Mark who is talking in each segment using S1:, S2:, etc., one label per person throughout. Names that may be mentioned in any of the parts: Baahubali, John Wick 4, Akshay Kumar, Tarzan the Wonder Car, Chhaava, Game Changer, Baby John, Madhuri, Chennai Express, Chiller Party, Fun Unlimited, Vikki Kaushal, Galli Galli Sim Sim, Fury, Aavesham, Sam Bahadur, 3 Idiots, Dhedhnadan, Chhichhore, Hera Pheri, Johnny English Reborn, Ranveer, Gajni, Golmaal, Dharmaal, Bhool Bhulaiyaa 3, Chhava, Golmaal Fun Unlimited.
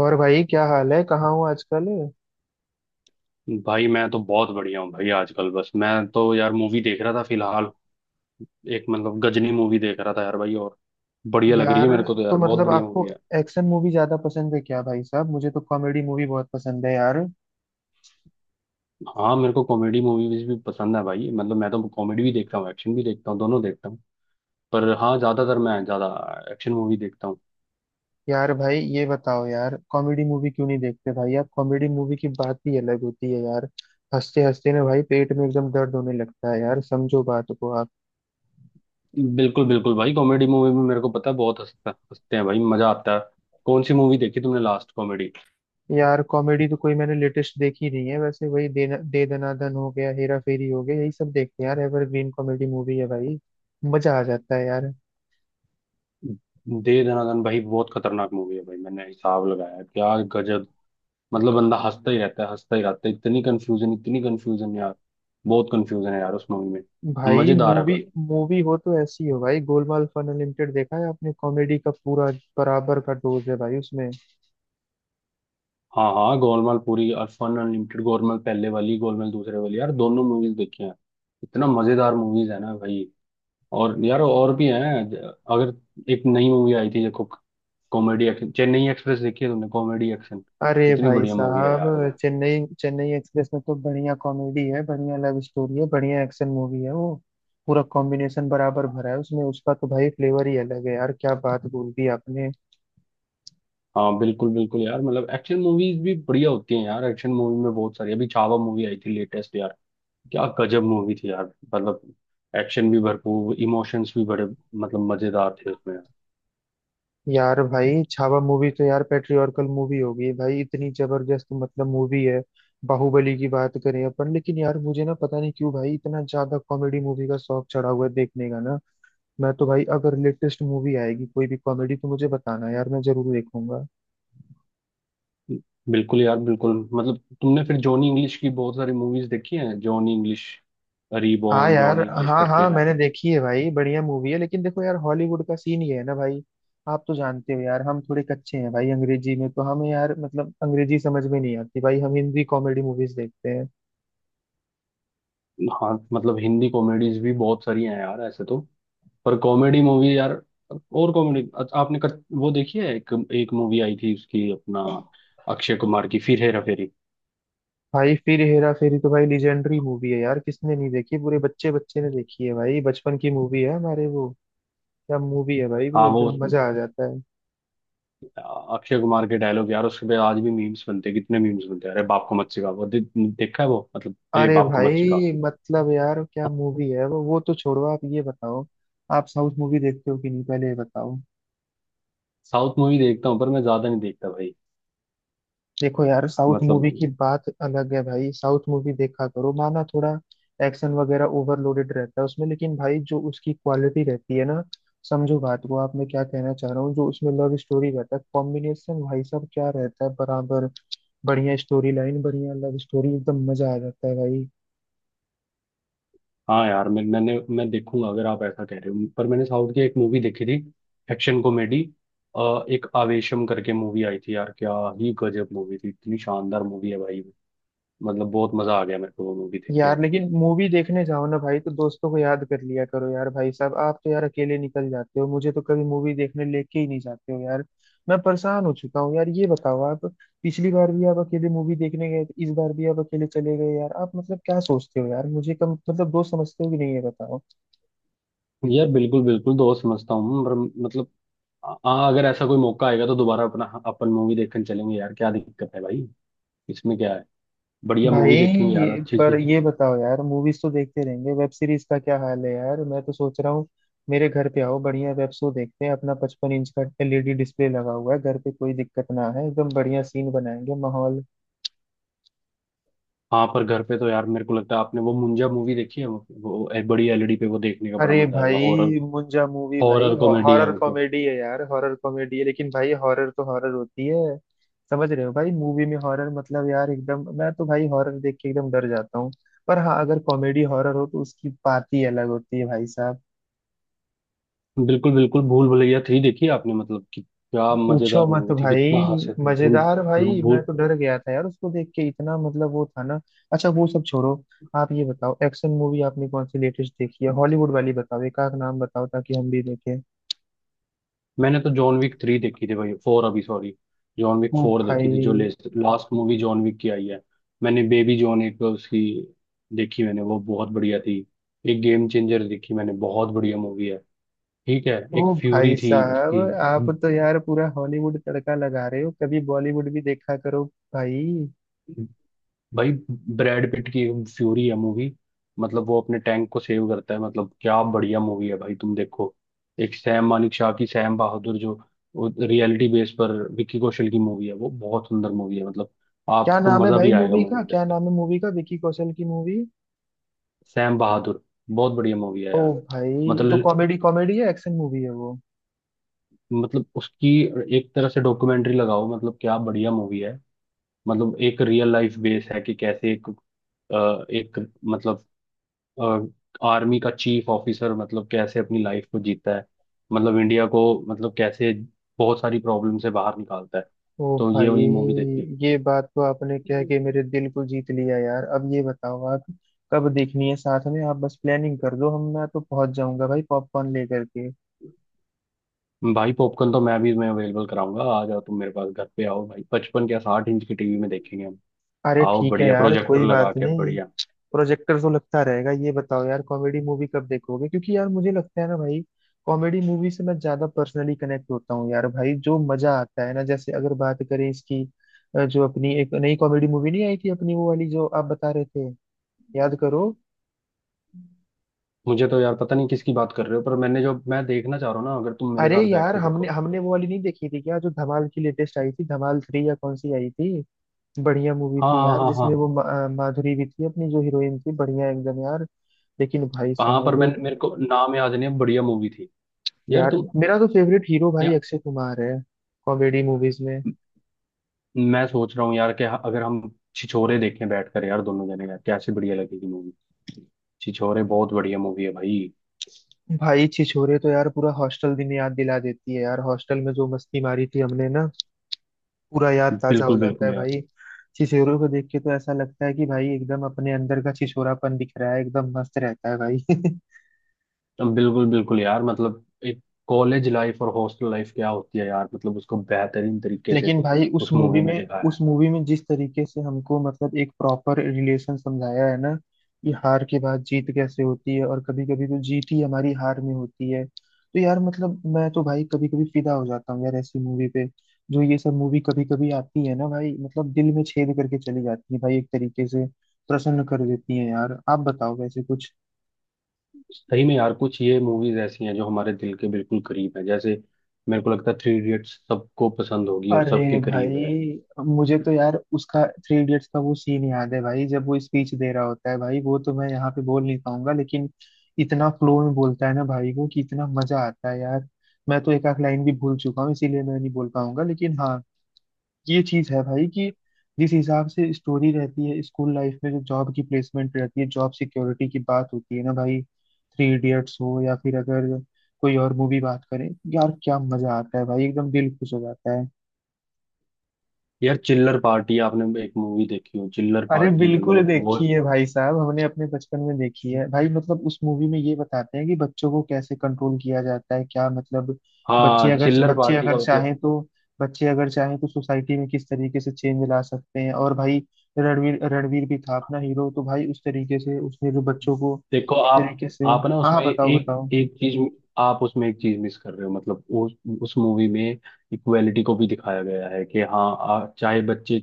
S1: और भाई क्या हाल है, कहाँ हो आजकल।
S2: भाई मैं तो बहुत बढ़िया हूँ भाई। आजकल बस मैं तो यार मूवी देख रहा था फिलहाल। एक गजनी मूवी देख रहा था यार भाई, और बढ़िया लग रही है
S1: यार,
S2: मेरे को तो
S1: तो
S2: यार, बहुत
S1: मतलब
S2: बढ़िया
S1: आपको
S2: मूवी है।
S1: एक्शन मूवी ज्यादा पसंद है क्या भाई साहब? मुझे तो कॉमेडी मूवी बहुत पसंद है यार।
S2: हाँ, मेरे को कॉमेडी मूवीज भी पसंद है भाई। मैं तो कॉमेडी भी देखता हूँ, एक्शन भी देखता हूँ, दोनों देखता हूँ। पर हाँ, ज्यादातर मैं ज्यादा एक्शन मूवी देखता हूँ।
S1: यार भाई ये बताओ यार, कॉमेडी मूवी क्यों नहीं देखते भाई आप? कॉमेडी मूवी की बात ही अलग होती है यार। हंसते हंसते ना भाई पेट में एकदम दर्द होने लगता है यार, समझो बात को आप।
S2: बिल्कुल बिल्कुल भाई, कॉमेडी मूवी में मेरे को पता है बहुत हंसता हंसते हैं भाई, मजा आता है। कौन सी मूवी देखी तुमने लास्ट कॉमेडी?
S1: यार कॉमेडी तो कोई मैंने लेटेस्ट देखी नहीं है, वैसे वही दे दनादन हो गया, हेरा फेरी हो गया, यही सब देखते हैं यार। एवरग्रीन कॉमेडी मूवी है भाई, मजा आ जाता है यार।
S2: दे दनादन भाई, बहुत खतरनाक मूवी है भाई। मैंने हिसाब लगाया क्या गजब, बंदा हंसता ही रहता है, हंसता ही रहता है। इतनी कंफ्यूजन, इतनी कंफ्यूजन यार, बहुत कंफ्यूजन है यार उस मूवी में।
S1: भाई
S2: मजेदार है।
S1: मूवी
S2: अगर
S1: मूवी हो तो ऐसी हो भाई। गोलमाल फन अनलिमिटेड देखा है आपने? कॉमेडी का पूरा बराबर का डोज है भाई उसमें।
S2: हाँ हाँ, गोलमाल पूरी और फन अनलिमिटेड, गोलमाल पहले वाली, गोलमाल दूसरे वाली यार, दोनों मूवीज देखी हैं। इतना मजेदार मूवीज है ना भाई। और यार और भी हैं अगर एक नई मूवी आई थी, देखो, कॉमेडी एक्शन, चेन्नई एक्सप्रेस देखी है तुमने? कॉमेडी एक्शन,
S1: अरे
S2: इतनी
S1: भाई
S2: बढ़िया मूवी है
S1: साहब,
S2: यार वो।
S1: चेन्नई चेन्नई एक्सप्रेस में तो बढ़िया कॉमेडी है, बढ़िया लव स्टोरी है, बढ़िया एक्शन मूवी है वो। पूरा कॉम्बिनेशन बराबर भरा है उसमें, उसका तो भाई फ्लेवर ही अलग है यार। क्या बात बोल दी आपने।
S2: हाँ बिल्कुल बिल्कुल यार। एक्शन मूवीज भी बढ़िया होती हैं यार। एक्शन मूवी में बहुत सारी, अभी छावा मूवी आई थी लेटेस्ट यार, क्या गजब मूवी थी यार। मतलब एक्शन भी भरपूर, इमोशंस भी बड़े मजेदार थे उसमें।
S1: यार भाई छावा मूवी तो यार पेट्रियर्कल मूवी होगी भाई, इतनी जबरदस्त मतलब मूवी है। बाहुबली की बात करें अपन, लेकिन यार मुझे ना पता नहीं क्यों भाई इतना ज्यादा कॉमेडी मूवी का शौक चढ़ा हुआ है देखने का ना। मैं तो भाई अगर लेटेस्ट मूवी आएगी कोई भी कॉमेडी तो मुझे बताना यार, मैं जरूर देखूंगा।
S2: बिल्कुल यार, बिल्कुल। तुमने फिर जॉनी इंग्लिश की बहुत सारी मूवीज देखी हैं, जॉनी इंग्लिश
S1: हाँ
S2: रीबॉर्न,
S1: यार।
S2: जॉनी इंग्लिश
S1: हाँ
S2: करके
S1: हाँ,
S2: हैं।
S1: मैंने देखी है भाई, बढ़िया मूवी है। लेकिन देखो यार हॉलीवुड का सीन ये है ना भाई, आप तो जानते हो यार हम थोड़े कच्चे हैं भाई अंग्रेजी में। तो हमें यार मतलब अंग्रेजी समझ में नहीं आती भाई, हम हिंदी कॉमेडी मूवीज देखते हैं।
S2: हाँ, हिंदी कॉमेडीज भी बहुत सारी हैं यार ऐसे तो। पर कॉमेडी मूवी यार, और कॉमेडी आपने वो देखी है? एक एक मूवी आई थी उसकी अपना, अक्षय कुमार की फिर हेरा फेरी।
S1: भाई फिर हेरा फेरी तो भाई लीजेंडरी मूवी है यार, किसने नहीं देखी, पूरे बच्चे बच्चे ने देखी है भाई, बचपन की मूवी है हमारे वो। क्या मूवी है भाई वो,
S2: हाँ वो
S1: एकदम मजा आ जाता है।
S2: अक्षय कुमार के डायलॉग यार, उसके पे आज भी मीम्स बनते हैं, कितने मीम्स बनते हैं। अरे बाप को मत सिखा, वो देखा है वो? अरे
S1: अरे
S2: बाप को मत सिखा।
S1: भाई मतलब यार क्या मूवी है वो। वो तो छोड़ो, आप ये बताओ आप साउथ मूवी देखते हो कि नहीं, पहले ये बताओ।
S2: साउथ मूवी देखता हूँ पर मैं ज्यादा नहीं देखता भाई।
S1: देखो यार साउथ मूवी
S2: मतलब
S1: की बात अलग है भाई, साउथ मूवी देखा करो। माना थोड़ा एक्शन वगैरह ओवरलोडेड रहता है उसमें, लेकिन भाई जो उसकी क्वालिटी रहती है ना, समझो बात को आप, मैं क्या कहना चाह रहा हूँ। जो उसमें लव स्टोरी रहता है, कॉम्बिनेशन भाई साहब क्या रहता है बराबर। बढ़िया स्टोरी लाइन, बढ़िया लव स्टोरी, एकदम मजा आ जाता है भाई।
S2: हाँ यार, मैं देखूंगा अगर आप ऐसा कह रहे हो। पर मैंने साउथ की एक मूवी देखी थी, एक्शन कॉमेडी, एक आवेशम करके मूवी आई थी यार, क्या ही गजब मूवी थी, इतनी शानदार मूवी है भाई। बहुत मजा आ गया मेरे को वो मूवी देख के
S1: यार
S2: यार।
S1: लेकिन मूवी देखने जाओ ना भाई तो दोस्तों को याद कर लिया करो यार। भाई साहब आप तो यार अकेले निकल जाते हो, मुझे तो कभी मूवी देखने लेके ही नहीं जाते हो यार। मैं परेशान हो चुका हूँ यार, ये बताओ आप। पिछली बार भी आप अकेले मूवी देखने गए थे, इस बार भी आप अकेले चले गए यार। आप मतलब क्या सोचते हो यार, मुझे कम मतलब दोस्त समझते हो कि नहीं, ये बताओ।
S2: यार बिल्कुल बिल्कुल दोस्त समझता हूँ पर मतलब हाँ, अगर ऐसा कोई मौका आएगा तो दोबारा अपना अपन मूवी देखने चलेंगे यार। क्या दिक्कत है भाई इसमें, क्या है? बढ़िया मूवी देखेंगे यार,
S1: भाई
S2: अच्छी
S1: पर
S2: सी।
S1: ये बताओ यार, मूवीज तो देखते रहेंगे, वेब सीरीज का क्या हाल है यार? मैं तो सोच रहा हूँ मेरे घर पे आओ, बढ़िया वेब शो देखते हैं। अपना 55 इंच का एलईडी डिस्प्ले लगा हुआ है घर पे, कोई दिक्कत ना है, एकदम बढ़िया सीन बनाएंगे माहौल।
S2: हाँ पर घर पे तो यार मेरे को लगता है, आपने वो मुंजा मूवी देखी है? वो एक बड़ी एलईडी पे वो देखने का बड़ा
S1: अरे
S2: मजा आएगा। हॉरर
S1: भाई मुंजा मूवी भाई,
S2: हॉरर कॉमेडी है
S1: हॉरर कॉमेडी है यार, हॉरर कॉमेडी है। लेकिन भाई हॉरर तो हॉरर होती है, समझ रहे हो भाई, मूवी में हॉरर मतलब यार एकदम, मैं तो भाई हॉरर देख के एकदम डर जाता हूँ। पर हाँ, अगर कॉमेडी हॉरर हो तो उसकी बात ही अलग होती है भाई।
S2: बिल्कुल बिल्कुल, भूल भुलैया थ्री देखी है आपने? कि क्या
S1: पूछो
S2: मजेदार
S1: मत
S2: मूवी थी,
S1: भाई,
S2: कितना हंसे थे। भूल
S1: मजेदार
S2: भूल
S1: भाई, मैं
S2: भूल,
S1: तो डर गया था यार उसको देख के इतना, मतलब वो था ना। अच्छा वो सब छोड़ो, आप ये बताओ एक्शन मूवी आपने कौन सी लेटेस्ट देखी है, हॉलीवुड वाली बताओ, एक आध नाम बताओ ताकि हम भी देखें।
S2: मैंने तो जॉन विक थ्री देखी थी भाई। फोर, अभी सॉरी, जॉन विक
S1: ओ
S2: फोर देखी थी, जो
S1: भाई।
S2: लास्ट मूवी जॉन विक की आई है। मैंने बेबी जॉन, एक उसकी देखी मैंने, वो बहुत बढ़िया थी। एक गेम चेंजर देखी मैंने, बहुत बढ़िया मूवी है। ठीक है, एक
S1: ओ
S2: फ्यूरी
S1: भाई
S2: थी
S1: साहब,
S2: उसकी,
S1: आप तो यार पूरा हॉलीवुड तड़का लगा रहे हो, कभी बॉलीवुड भी देखा करो भाई।
S2: भाई ब्रैड पिट की फ्यूरी है मूवी। वो अपने टैंक को सेव करता है, क्या बढ़िया मूवी है भाई, तुम देखो। एक सैम मानिक शाह की, सैम बहादुर, जो रियलिटी बेस पर विक्की कौशल की मूवी है, वो बहुत सुंदर मूवी है।
S1: क्या
S2: आपको
S1: नाम है
S2: मजा
S1: भाई
S2: भी आएगा
S1: मूवी
S2: मूवी
S1: का, क्या
S2: देखकर।
S1: नाम है मूवी का, विकी कौशल की मूवी?
S2: सैम बहादुर, बहुत बढ़िया मूवी है
S1: ओ
S2: यार।
S1: भाई, तो
S2: मतलब
S1: कॉमेडी कॉमेडी है, एक्शन मूवी है वो?
S2: मतलब उसकी एक तरह से डॉक्यूमेंट्री लगाओ, क्या बढ़िया मूवी है। एक रियल लाइफ बेस है कि कैसे एक एक मतलब आर्मी का चीफ ऑफिसर कैसे अपनी लाइफ को जीता है, इंडिया को कैसे बहुत सारी प्रॉब्लम से बाहर निकालता है।
S1: ओ
S2: तो ये
S1: भाई,
S2: वाली मूवी देखिए।
S1: ये बात तो आपने क्या है
S2: हम्म।
S1: कि मेरे दिल को जीत लिया यार। अब ये बताओ आप, कब देखनी है साथ में, आप बस प्लानिंग कर दो। हम मैं तो पहुंच जाऊंगा भाई पॉपकॉर्न लेकर के।
S2: भाई पॉपकॉर्न तो मैं भी मैं अवेलेबल कराऊंगा, आ जाओ तुम मेरे पास, घर पे आओ भाई। पचपन क्या, साठ इंच की टीवी में देखेंगे हम।
S1: अरे
S2: आओ,
S1: ठीक है
S2: बढ़िया
S1: यार,
S2: प्रोजेक्टर
S1: कोई
S2: लगा
S1: बात
S2: के
S1: नहीं।
S2: बढ़िया।
S1: प्रोजेक्टर तो लगता रहेगा, ये बताओ यार कॉमेडी मूवी कब देखोगे, क्योंकि यार मुझे लगता है ना भाई, कॉमेडी मूवी से मैं ज्यादा पर्सनली कनेक्ट होता हूँ यार भाई। जो मजा आता है ना, जैसे अगर बात करें इसकी, जो अपनी एक नई कॉमेडी मूवी नहीं आई थी अपनी, वो वाली जो आप बता रहे थे, याद करो।
S2: मुझे तो यार पता नहीं किसकी बात कर रहे हो, पर मैंने जो मैं देखना चाह रहा हूँ ना, अगर तुम मेरे
S1: अरे
S2: साथ बैठ
S1: यार,
S2: के
S1: हमने
S2: देखो।
S1: हमने वो वाली नहीं देखी थी क्या, जो धमाल की लेटेस्ट आई थी, धमाल थ्री या कौन सी आई थी। बढ़िया मूवी थी
S2: हाँ
S1: यार,
S2: हाँ हाँ।
S1: जिसमें वो माधुरी भी थी अपनी, जो हीरोइन थी बढ़िया एकदम यार। लेकिन भाई
S2: हाँ हाँ, पर मैं
S1: साहब,
S2: मेरे को नाम याद नहीं है, बढ़िया मूवी थी। यार
S1: यार
S2: तुम
S1: मेरा तो फेवरेट हीरो भाई
S2: क्या,
S1: अक्षय कुमार है कॉमेडी मूवीज में।
S2: मैं सोच रहा हूँ यार कि अगर हम छिछोरे देखें बैठकर यार, दोनों जने यार, कैसी बढ़िया लगेगी मूवी। छिछोरे बहुत बढ़िया मूवी है भाई।
S1: भाई छिछोरे तो यार पूरा हॉस्टल दिन याद दिला देती है यार, हॉस्टल में जो मस्ती मारी थी हमने ना, पूरा याद ताजा हो
S2: बिल्कुल
S1: जाता
S2: बिल्कुल
S1: है
S2: यार।
S1: भाई। छिछोरे को देख के तो ऐसा लगता है कि भाई एकदम अपने अंदर का छिछोरापन दिख रहा है, एकदम मस्त रहता है भाई
S2: तो बिल्कुल बिल्कुल यार। एक कॉलेज लाइफ और हॉस्टल लाइफ क्या होती है यार, उसको बेहतरीन तरीके से
S1: लेकिन भाई उस
S2: उस
S1: मूवी
S2: मूवी में
S1: में,
S2: दिखाया
S1: उस
S2: है।
S1: मूवी में जिस तरीके से हमको मतलब एक प्रॉपर रिलेशन समझाया है ना, कि हार के बाद जीत कैसे होती है, और कभी कभी तो जीत ही हमारी हार में होती है। तो यार मतलब मैं तो भाई कभी कभी फिदा हो जाता हूँ यार ऐसी मूवी पे। जो ये सब मूवी कभी कभी आती है ना भाई, मतलब दिल में छेद करके चली जाती है भाई, एक तरीके से प्रसन्न कर देती है यार। आप बताओ वैसे कुछ।
S2: सही में यार, कुछ ये मूवीज ऐसी हैं जो हमारे दिल के बिल्कुल करीब है, जैसे मेरे को लगता है थ्री इडियट्स सबको पसंद होगी और
S1: अरे
S2: सबके करीब है।
S1: भाई, मुझे तो यार उसका थ्री इडियट्स का वो सीन याद है भाई, जब वो स्पीच दे रहा होता है भाई, वो तो मैं यहाँ पे बोल नहीं पाऊंगा लेकिन इतना फ्लो में बोलता है ना भाई वो, कि इतना मजा आता है यार। मैं तो एक आध लाइन भी भूल चुका हूँ, इसीलिए मैं नहीं बोल पाऊंगा। लेकिन हाँ, ये चीज है भाई कि जिस हिसाब से स्टोरी रहती है, स्कूल लाइफ में जो जॉब की प्लेसमेंट रहती है, जॉब सिक्योरिटी की बात होती है ना भाई, थ्री इडियट्स हो या फिर अगर कोई और मूवी बात करें, यार क्या मजा आता है भाई, एकदम दिल खुश हो जाता है।
S2: यार चिल्लर पार्टी, आपने एक मूवी देखी हो चिल्लर
S1: अरे
S2: पार्टी?
S1: बिल्कुल
S2: वो
S1: देखी है भाई साहब, हमने अपने बचपन में देखी है भाई। मतलब उस मूवी में ये बताते हैं कि बच्चों को कैसे कंट्रोल किया जाता है, क्या मतलब बच्चे
S2: हाँ,
S1: अगर,
S2: चिल्लर पार्टी का मतलब
S1: चाहें तो बच्चे अगर चाहें तो सोसाइटी में किस तरीके से चेंज ला सकते हैं। और भाई रणवीर रणवीर भी था अपना हीरो, तो भाई उस तरीके से उसने जो बच्चों को
S2: देखो
S1: एक
S2: आप
S1: तरीके से,
S2: आप ना
S1: हाँ
S2: उसमें
S1: हाँ, बताओ
S2: एक
S1: बताओ।
S2: एक चीज, आप उसमें एक चीज मिस कर रहे हो। उस मूवी में इक्वेलिटी को भी दिखाया गया है कि हाँ, चाहे बच्चे,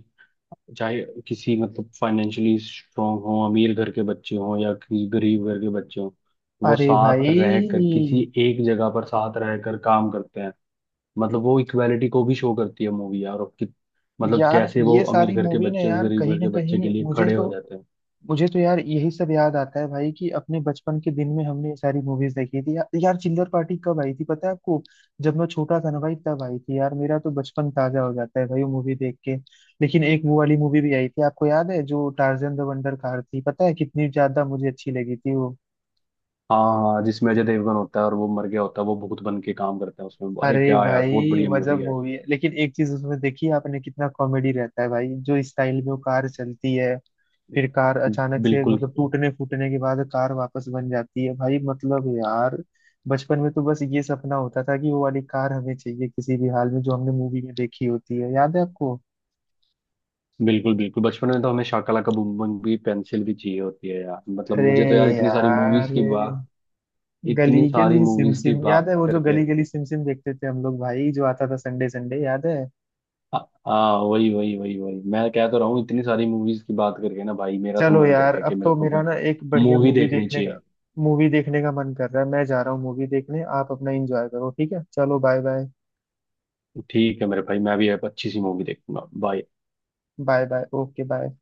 S2: चाहे किसी फाइनेंशियली स्ट्रांग हो, अमीर घर के बच्चे हों या किसी गरीब घर के बच्चे हों, वो
S1: अरे
S2: साथ
S1: भाई
S2: रहकर किसी एक जगह पर साथ रहकर काम करते हैं। वो इक्वालिटी को भी शो करती है मूवी यार। और कि, मतलब
S1: यार,
S2: कैसे वो
S1: ये
S2: अमीर
S1: सारी
S2: घर के
S1: मूवी ने
S2: बच्चे और
S1: यार
S2: गरीब
S1: कहीं
S2: घर
S1: ना
S2: के बच्चे के
S1: कहीं
S2: लिए
S1: मुझे
S2: खड़े
S1: तो,
S2: हो जाते हैं।
S1: यार यही सब याद आता है भाई कि अपने बचपन के दिन में हमने ये सारी मूवीज देखी थी। यार चिल्लर पार्टी कब आई थी पता है आपको? जब मैं छोटा था ना भाई तब आई थी यार, मेरा तो बचपन ताजा हो जाता है भाई वो मूवी देख के। लेकिन एक वो वाली मूवी भी आई थी आपको याद है, जो टार्जन द वंडर कार थी, पता है कितनी ज्यादा मुझे अच्छी लगी थी वो।
S2: हाँ, जिसमें अजय देवगन होता है और वो मर गया होता है, वो भूत बन के काम करता है उसमें। अरे
S1: अरे
S2: क्या यार, बहुत
S1: भाई
S2: बढ़िया मूवी
S1: मजब
S2: है।
S1: मूवी है, लेकिन एक चीज उसमें देखी आपने, कितना कॉमेडी रहता है भाई, जो स्टाइल में वो कार चलती है, फिर कार अचानक से
S2: बिल्कुल।
S1: मतलब टूटने फूटने के बाद कार वापस बन जाती है भाई, मतलब यार बचपन में तो बस ये सपना होता था कि वो वाली कार हमें चाहिए किसी भी हाल में, जो हमने मूवी में देखी होती है, याद है आपको?
S2: बिल्कुल बिल्कुल, बचपन में तो हमें शाकला का बूम बूम भी, पेंसिल भी चाहिए होती है यार।
S1: अरे
S2: मुझे तो यार इतनी सारी
S1: यार,
S2: मूवीज की बात,
S1: गली
S2: इतनी सारी
S1: गली सिम
S2: मूवीज की
S1: सिम याद
S2: बात
S1: है, वो जो
S2: करके।
S1: गली गली सिम सिम देखते थे हम लोग भाई, जो आता था संडे संडे, याद है?
S2: हाँ। हाँ, वही वही वही वही, मैं कह तो रहा हूँ, इतनी सारी मूवीज की बात करके ना भाई, मेरा तो
S1: चलो
S2: मन कर
S1: यार,
S2: गया कि
S1: अब
S2: मेरे
S1: तो
S2: को
S1: मेरा
S2: भी
S1: ना एक बढ़िया
S2: मूवी
S1: मूवी
S2: देखनी
S1: देखने का,
S2: चाहिए।
S1: मूवी देखने का मन कर रहा है। मैं जा रहा हूँ मूवी देखने, आप अपना एंजॉय करो, ठीक है, चलो बाय बाय।
S2: ठीक है मेरे भाई, मैं भी अब अच्छी सी मूवी देखूंगा। Bye.
S1: Bye bye, okay bye.